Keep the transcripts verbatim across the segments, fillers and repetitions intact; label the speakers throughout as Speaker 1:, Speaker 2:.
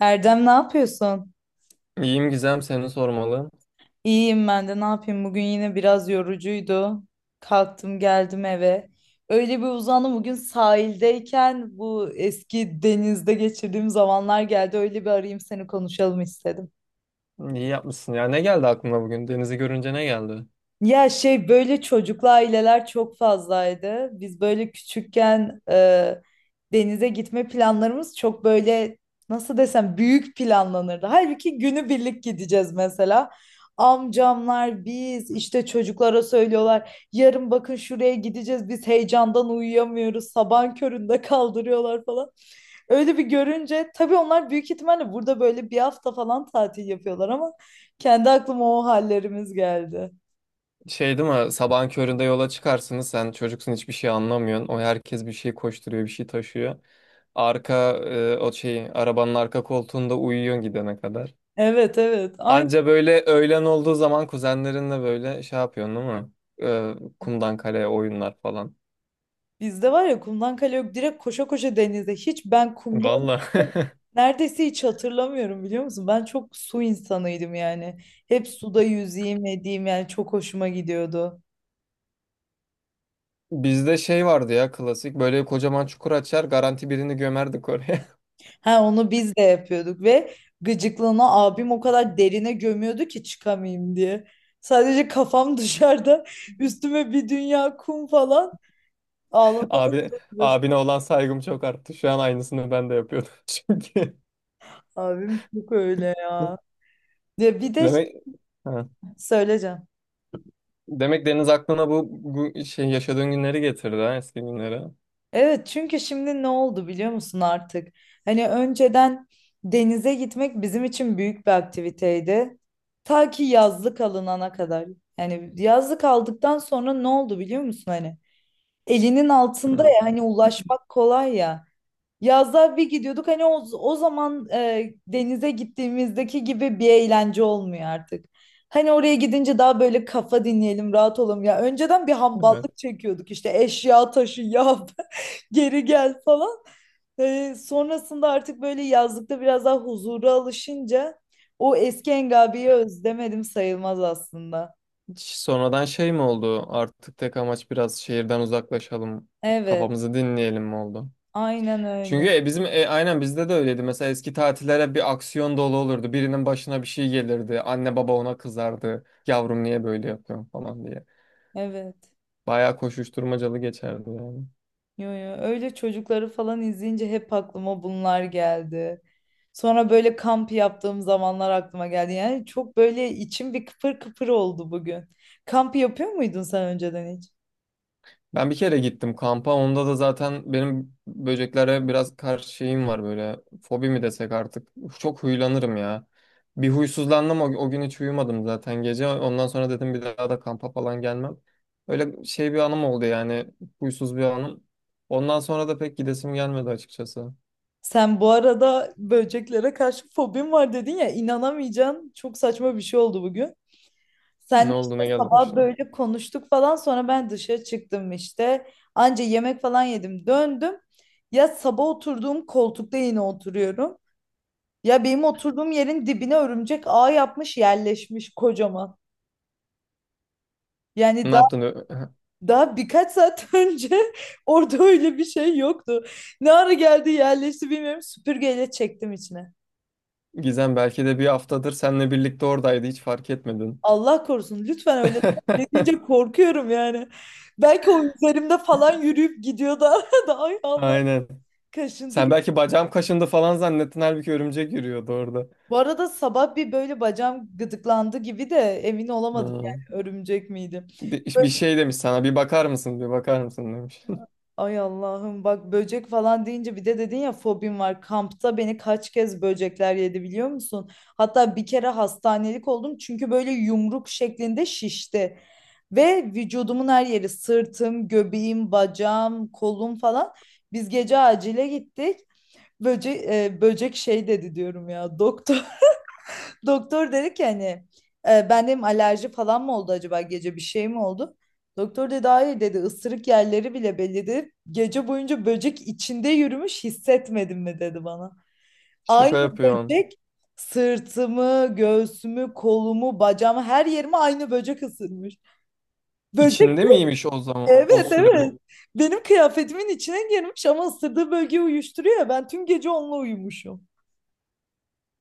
Speaker 1: Erdem ne yapıyorsun?
Speaker 2: İyiyim Gizem, seni sormalı.
Speaker 1: İyiyim ben de ne yapayım bugün yine biraz yorucuydu. Kalktım geldim eve. Öyle bir uzandım bugün sahildeyken bu eski denizde geçirdiğim zamanlar geldi. Öyle bir arayayım seni konuşalım istedim.
Speaker 2: İyi yapmışsın. Ya ne geldi aklına bugün? Denizi görünce ne geldi?
Speaker 1: Ya şey böyle çocuklu aileler çok fazlaydı. Biz böyle küçükken e, denize gitme planlarımız çok böyle nasıl desem büyük planlanırdı. Halbuki günü birlik gideceğiz mesela. Amcamlar biz işte çocuklara söylüyorlar. Yarın bakın şuraya gideceğiz. Biz heyecandan uyuyamıyoruz. Sabahın köründe kaldırıyorlar falan. Öyle bir görünce tabii onlar büyük ihtimalle burada böyle bir hafta falan tatil yapıyorlar ama kendi aklıma o hallerimiz geldi.
Speaker 2: Şey değil mi? Sabahın köründe yola çıkarsınız. Sen çocuksun, hiçbir şey anlamıyorsun. O herkes bir şey koşturuyor, bir şey taşıyor. Arka e, o şey arabanın arka koltuğunda uyuyorsun gidene kadar.
Speaker 1: Evet evet. Aynı
Speaker 2: Anca böyle öğlen olduğu zaman kuzenlerinle böyle şey yapıyorsun değil mi? E, kumdan kaleye oyunlar falan.
Speaker 1: bizde var ya kumdan kale yok. Direkt koşa koşa denize. Hiç ben kumda
Speaker 2: Valla.
Speaker 1: oynadım. Neredeyse hiç hatırlamıyorum biliyor musun? Ben çok su insanıydım yani. Hep suda yüzeyim edeyim yani çok hoşuma gidiyordu.
Speaker 2: Bizde şey vardı ya klasik. Böyle kocaman çukur açar, garanti birini gömerdik oraya.
Speaker 1: Ha onu biz de yapıyorduk ve gıcıklığına abim o kadar derine gömüyordu ki çıkamayayım diye. Sadece kafam dışarıda üstüme bir dünya kum falan ağlatana
Speaker 2: Abi,
Speaker 1: kadar uğraştım.
Speaker 2: Abine olan saygım çok arttı. Şu an aynısını ben de yapıyordum çünkü.
Speaker 1: Abim çok öyle ya. Ya bir de şey
Speaker 2: Demek ha.
Speaker 1: söyleyeceğim.
Speaker 2: Demek Deniz aklına bu, bu şey yaşadığın günleri getirdi ha, eski günleri.
Speaker 1: Evet çünkü şimdi ne oldu biliyor musun artık? Hani önceden denize gitmek bizim için büyük bir aktiviteydi. Ta ki yazlık alınana kadar. Yani yazlık aldıktan sonra ne oldu biliyor musun hani? Elinin altında
Speaker 2: Hı,
Speaker 1: ya hani ulaşmak kolay ya. Yazda bir gidiyorduk hani o, o zaman e, denize gittiğimizdeki gibi bir eğlence olmuyor artık. Hani oraya gidince daha böyle kafa dinleyelim, rahat olalım ya. Önceden bir
Speaker 2: evet.
Speaker 1: hamballık çekiyorduk işte eşya taşı ya geri gel falan. E, sonrasında artık böyle yazlıkta biraz daha huzura alışınca o eski Engabi'yi özlemedim sayılmaz aslında.
Speaker 2: Ş- Sonradan şey mi oldu? Artık tek amaç biraz şehirden uzaklaşalım,
Speaker 1: Evet,
Speaker 2: kafamızı dinleyelim mi oldu?
Speaker 1: aynen
Speaker 2: Çünkü
Speaker 1: öyle.
Speaker 2: e, bizim e, aynen bizde de öyleydi. Mesela eski tatillere bir aksiyon dolu olurdu. Birinin başına bir şey gelirdi. Anne baba ona kızardı. Yavrum niye böyle yapıyorsun falan diye.
Speaker 1: Evet.
Speaker 2: Bayağı koşuşturmacalı geçerdi yani.
Speaker 1: Yo yo öyle çocukları falan izleyince hep aklıma bunlar geldi. Sonra böyle kamp yaptığım zamanlar aklıma geldi. Yani çok böyle içim bir kıpır kıpır oldu bugün. Kamp yapıyor muydun sen önceden hiç?
Speaker 2: Ben bir kere gittim kampa. Onda da zaten benim böceklere biraz karşı şeyim var böyle. Fobi mi desek artık. Çok huylanırım ya. Bir huysuzlandım, o, o gün hiç uyumadım zaten gece. Ondan sonra dedim bir daha da kampa falan gelmem. Öyle şey bir anım oldu yani. Huysuz bir anım. Ondan sonra da pek gidesim gelmedi açıkçası.
Speaker 1: Sen bu arada böceklere karşı fobim var dedin ya inanamayacaksın. Çok saçma bir şey oldu bugün.
Speaker 2: Ne
Speaker 1: Sen
Speaker 2: oldu,
Speaker 1: işte
Speaker 2: ne geldi
Speaker 1: sabah
Speaker 2: başına?
Speaker 1: böyle konuştuk falan sonra ben dışarı çıktım işte. Anca yemek falan yedim döndüm. Ya sabah oturduğum koltukta yine oturuyorum. Ya benim oturduğum yerin dibine örümcek ağ yapmış yerleşmiş kocaman.
Speaker 2: Ne
Speaker 1: Yani daha,
Speaker 2: yaptın? Ö-
Speaker 1: daha birkaç saat önce orada öyle bir şey yoktu. Ne ara geldi yerleşti bilmiyorum süpürgeyle çektim içine.
Speaker 2: Gizem belki de bir haftadır seninle birlikte oradaydı, hiç fark etmedin.
Speaker 1: Allah korusun lütfen öyle deme. Ne deyince korkuyorum yani. Belki o üzerimde falan yürüyüp gidiyor da da ay Allah
Speaker 2: Aynen.
Speaker 1: kaşıntı.
Speaker 2: Sen
Speaker 1: Gibi.
Speaker 2: belki bacağım kaşındı falan zannettin, halbuki örümcek yürüyordu orada.
Speaker 1: Bu arada sabah bir böyle bacağım gıdıklandı gibi de emin olamadım
Speaker 2: Hı.
Speaker 1: yani örümcek miydi.
Speaker 2: Bir, bir şey demiş sana, bir bakar mısın bir bakar mısın demiş.
Speaker 1: Ay Allah'ım bak böcek falan deyince bir de dedin ya fobim var. Kampta beni kaç kez böcekler yedi biliyor musun? Hatta bir kere hastanelik oldum çünkü böyle yumruk şeklinde şişti. Ve vücudumun her yeri sırtım, göbeğim, bacağım, kolum falan. Biz gece acile gittik. Böcek, böcek şey dedi diyorum ya doktor. Doktor dedi ki hani e, ben dedim alerji falan mı oldu acaba gece bir şey mi oldu? Doktor dedi hayır dedi ısırık yerleri bile belli dedi. Gece boyunca böcek içinde yürümüş hissetmedin mi dedi bana. Aynı
Speaker 2: Şaka yapıyorsun.
Speaker 1: böcek sırtımı, göğsümü, kolumu, bacağımı her yerime aynı böcek ısırmış. Böcek
Speaker 2: İçinde miymiş o zaman o
Speaker 1: evet
Speaker 2: süre bu?
Speaker 1: evet benim kıyafetimin içine girmiş ama ısırdığı bölgeyi uyuşturuyor ya ben tüm gece onunla uyumuşum.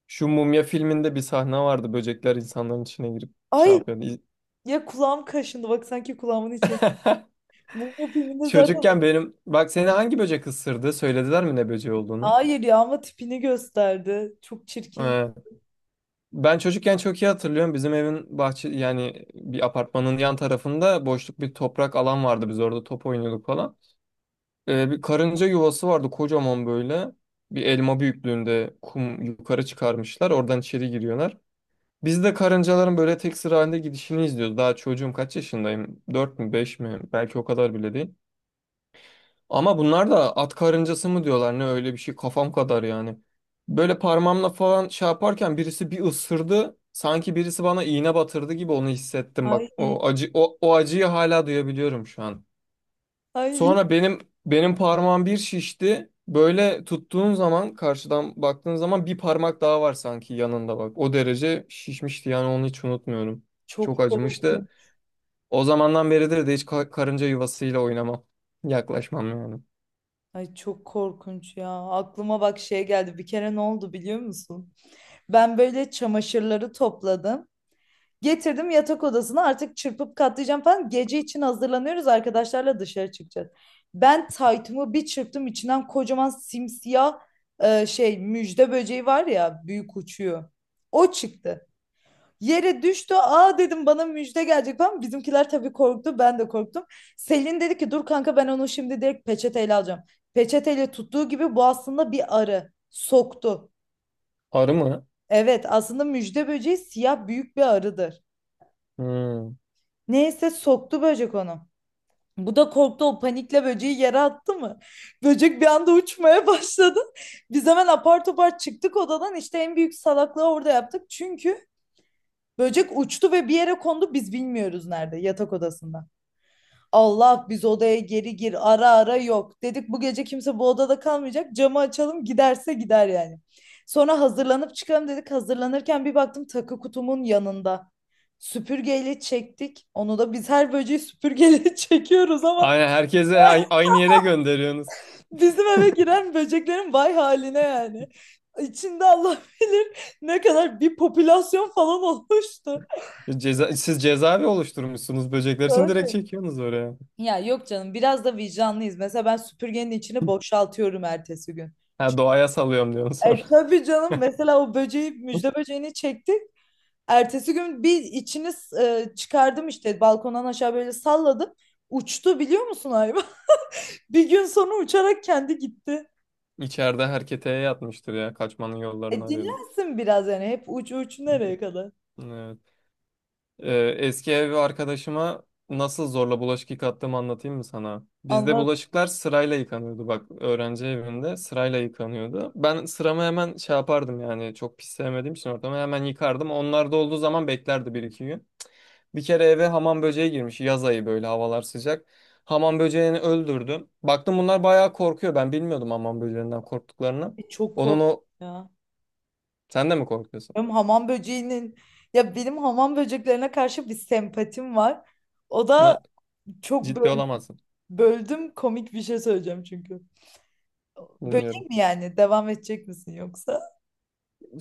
Speaker 2: Şu Mumya filminde bir sahne vardı, böcekler insanların içine girip şey
Speaker 1: Ay
Speaker 2: yapıyordu. İz-
Speaker 1: ya kulağım kaşındı bak sanki kulağımın içi. Bu bu filmde zaten
Speaker 2: Çocukken benim bak, seni hangi böcek ısırdı? Söylediler mi ne böceği olduğunu?
Speaker 1: Hayır ya ama tipini gösterdi. Çok çirkin.
Speaker 2: Ee, ben çocukken çok iyi hatırlıyorum. Bizim evin bahçe, yani bir apartmanın yan tarafında boşluk bir toprak alan vardı. Biz orada top oynuyorduk falan. Ee, bir karınca yuvası vardı kocaman böyle. Bir elma büyüklüğünde kum yukarı çıkarmışlar, oradan içeri giriyorlar. Biz de karıncaların böyle tek sıra halinde gidişini izliyoruz. Daha çocuğum, kaç yaşındayım? Dört mü, beş mi? Belki o kadar bile değil. Ama bunlar da at karıncası mı diyorlar ne, öyle bir şey kafam kadar yani. Böyle parmağımla falan şey yaparken birisi bir ısırdı. Sanki birisi bana iğne batırdı gibi onu hissettim
Speaker 1: Ay,
Speaker 2: bak. O acı o, o acıyı hala duyabiliyorum şu an.
Speaker 1: ay
Speaker 2: Sonra benim benim parmağım bir şişti. Böyle tuttuğun zaman, karşıdan baktığın zaman bir parmak daha var sanki yanında bak. O derece şişmişti yani, onu hiç unutmuyorum.
Speaker 1: çok
Speaker 2: Çok acımıştı.
Speaker 1: korkunç.
Speaker 2: O zamandan beridir de hiç ka- karınca yuvasıyla oynamam. Yaklaşmam yani.
Speaker 1: Ay çok korkunç ya. Aklıma bak şey geldi. Bir kere ne oldu biliyor musun? Ben böyle çamaşırları topladım. Getirdim yatak odasına artık çırpıp katlayacağım falan. Gece için hazırlanıyoruz arkadaşlarla dışarı çıkacağız. Ben taytımı bir çırptım içinden kocaman simsiyah e, şey müjde böceği var ya büyük uçuyor. O çıktı. Yere düştü. Aa dedim bana müjde gelecek falan. Bizimkiler tabii korktu. Ben de korktum. Selin dedi ki dur kanka ben onu şimdi direkt peçeteyle alacağım. Peçeteyle tuttuğu gibi bu aslında bir arı. Soktu.
Speaker 2: Arı mı?
Speaker 1: Evet aslında müjde böceği siyah büyük bir arıdır.
Speaker 2: Hmm.
Speaker 1: Neyse soktu böcek onu. Bu da korktu o panikle böceği yere attı mı? Böcek bir anda uçmaya başladı. Biz hemen apar topar çıktık odadan işte en büyük salaklığı orada yaptık. Çünkü böcek uçtu ve bir yere kondu biz bilmiyoruz nerede yatak odasında. Allah biz odaya geri gir ara ara yok. Dedik bu gece kimse bu odada kalmayacak camı açalım giderse gider yani. Sonra hazırlanıp çıkalım dedik hazırlanırken bir baktım takı kutumun yanında. Süpürgeyle çektik. Onu da biz her böceği süpürgeyle çekiyoruz ama
Speaker 2: Aynen, herkese ay- aynı yere gönderiyorsunuz.
Speaker 1: bizim eve giren böceklerin vay haline yani. İçinde Allah bilir ne kadar bir popülasyon falan olmuştu.
Speaker 2: Ceza siz cezaevi oluşturmuşsunuz böcekler için, direkt
Speaker 1: Tabii.
Speaker 2: çekiyorsunuz oraya.
Speaker 1: Ya yok canım biraz da vicdanlıyız. Mesela ben süpürgenin içini boşaltıyorum ertesi gün.
Speaker 2: Ha, doğaya salıyorum diyorsun.
Speaker 1: E, tabii canım mesela o böceği müjde böceğini çektik. Ertesi gün bir içini e, çıkardım işte balkondan aşağı böyle salladım. Uçtu biliyor musun hayvan? Bir gün sonra uçarak kendi gitti.
Speaker 2: İçeride herkete yatmıştır ya. Kaçmanın yollarını
Speaker 1: E,
Speaker 2: arıyordur.
Speaker 1: dinlensin biraz yani hep uç uç nereye kadar?
Speaker 2: Evet. Ee, eski ev arkadaşıma nasıl zorla bulaşık yıkattığımı anlatayım mı sana? Bizde
Speaker 1: Allah
Speaker 2: bulaşıklar sırayla yıkanıyordu. Bak, öğrenci evinde sırayla yıkanıyordu. Ben sıramı hemen şey yapardım yani, çok pis sevmediğim için ortamı hemen yıkardım. Onlar da olduğu zaman beklerdi bir iki gün. Bir kere eve hamam böceği girmiş. Yaz ayı, böyle havalar sıcak. Hamam böceğini öldürdüm. Baktım bunlar bayağı korkuyor. Ben bilmiyordum hamam böceğinden korktuklarını.
Speaker 1: e, çok
Speaker 2: Onun
Speaker 1: korktum
Speaker 2: o...
Speaker 1: ya.
Speaker 2: Sen de mi korkuyorsun?
Speaker 1: Benim hamam böceğinin ya benim hamam böceklerine karşı bir sempatim var. O da
Speaker 2: Buna
Speaker 1: çok
Speaker 2: ciddi
Speaker 1: böl-
Speaker 2: olamazsın.
Speaker 1: böldüm komik bir şey söyleyeceğim çünkü.
Speaker 2: Bilmiyorum.
Speaker 1: Böcek mi yani? Devam edecek misin yoksa?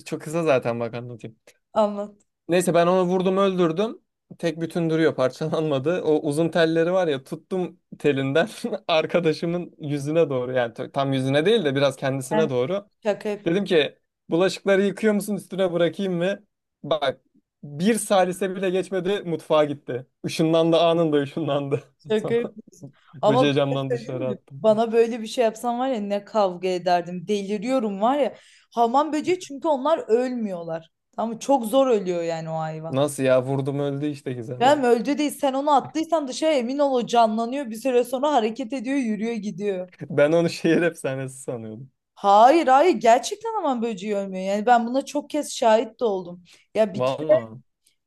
Speaker 2: Çok kısa zaten, bak anlatayım.
Speaker 1: Anlat.
Speaker 2: Neyse, ben onu vurdum öldürdüm. Tek bütün duruyor, parçalanmadı. O uzun telleri var ya, tuttum telinden arkadaşımın yüzüne doğru, yani t- tam yüzüne değil de biraz kendisine
Speaker 1: Ben
Speaker 2: doğru.
Speaker 1: şaka yapıyorsun.
Speaker 2: Dedim ki bulaşıkları yıkıyor musun, üstüne bırakayım mı? Bak, bir salise bile geçmedi mutfağa gitti. Işınlandı, anında ışınlandı.
Speaker 1: Şaka
Speaker 2: Sonra
Speaker 1: yapıyorsun. Ama
Speaker 2: böceği
Speaker 1: bir şey
Speaker 2: camdan
Speaker 1: söyleyeyim
Speaker 2: dışarı
Speaker 1: mi?
Speaker 2: attım.
Speaker 1: Bana böyle bir şey yapsan var ya ne kavga ederdim. Deliriyorum var ya. Hamam böceği çünkü onlar ölmüyorlar. Tamam mı? Çok zor ölüyor yani o hayvan.
Speaker 2: Nasıl ya, vurdum öldü işte
Speaker 1: Ya
Speaker 2: Gizem.
Speaker 1: yani öldü değil sen onu attıysan dışarı emin ol o canlanıyor bir süre sonra hareket ediyor yürüyor gidiyor.
Speaker 2: Ben onu şehir efsanesi sanıyordum.
Speaker 1: Hayır hayır gerçekten hamam böceği ölmüyor. Yani ben buna çok kez şahit de oldum. Ya bir
Speaker 2: Vallahi.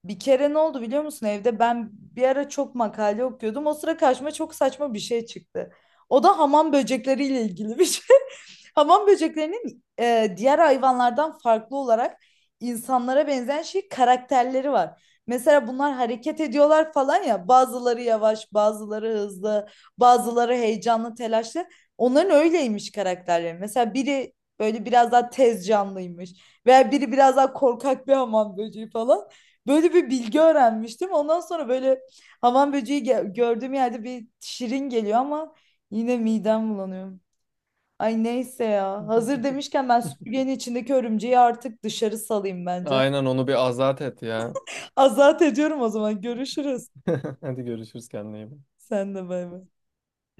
Speaker 1: Bir kere ne oldu biliyor musun evde? Ben bir ara çok makale okuyordum. O sıra karşıma çok saçma bir şey çıktı. O da hamam böcekleriyle ilgili bir şey. Hamam böceklerinin e, diğer hayvanlardan farklı olarak insanlara benzeyen şey karakterleri var. Mesela bunlar hareket ediyorlar falan ya. Bazıları yavaş, bazıları hızlı, bazıları heyecanlı, telaşlı. Onların öyleymiş karakterleri. Mesela biri böyle biraz daha tez canlıymış veya biri biraz daha korkak bir hamam böceği falan. Böyle bir bilgi öğrenmiştim. Ondan sonra böyle hamam böceği ge- gördüğüm yerde bir şirin geliyor ama yine midem bulanıyor. Ay neyse ya. Hazır demişken ben süpürgenin içindeki örümceği artık dışarı salayım bence.
Speaker 2: Aynen, onu bir azat et ya.
Speaker 1: Azat ediyorum o zaman. Görüşürüz.
Speaker 2: Hadi görüşürüz, kendine iyi bak.
Speaker 1: Sen de bay bay.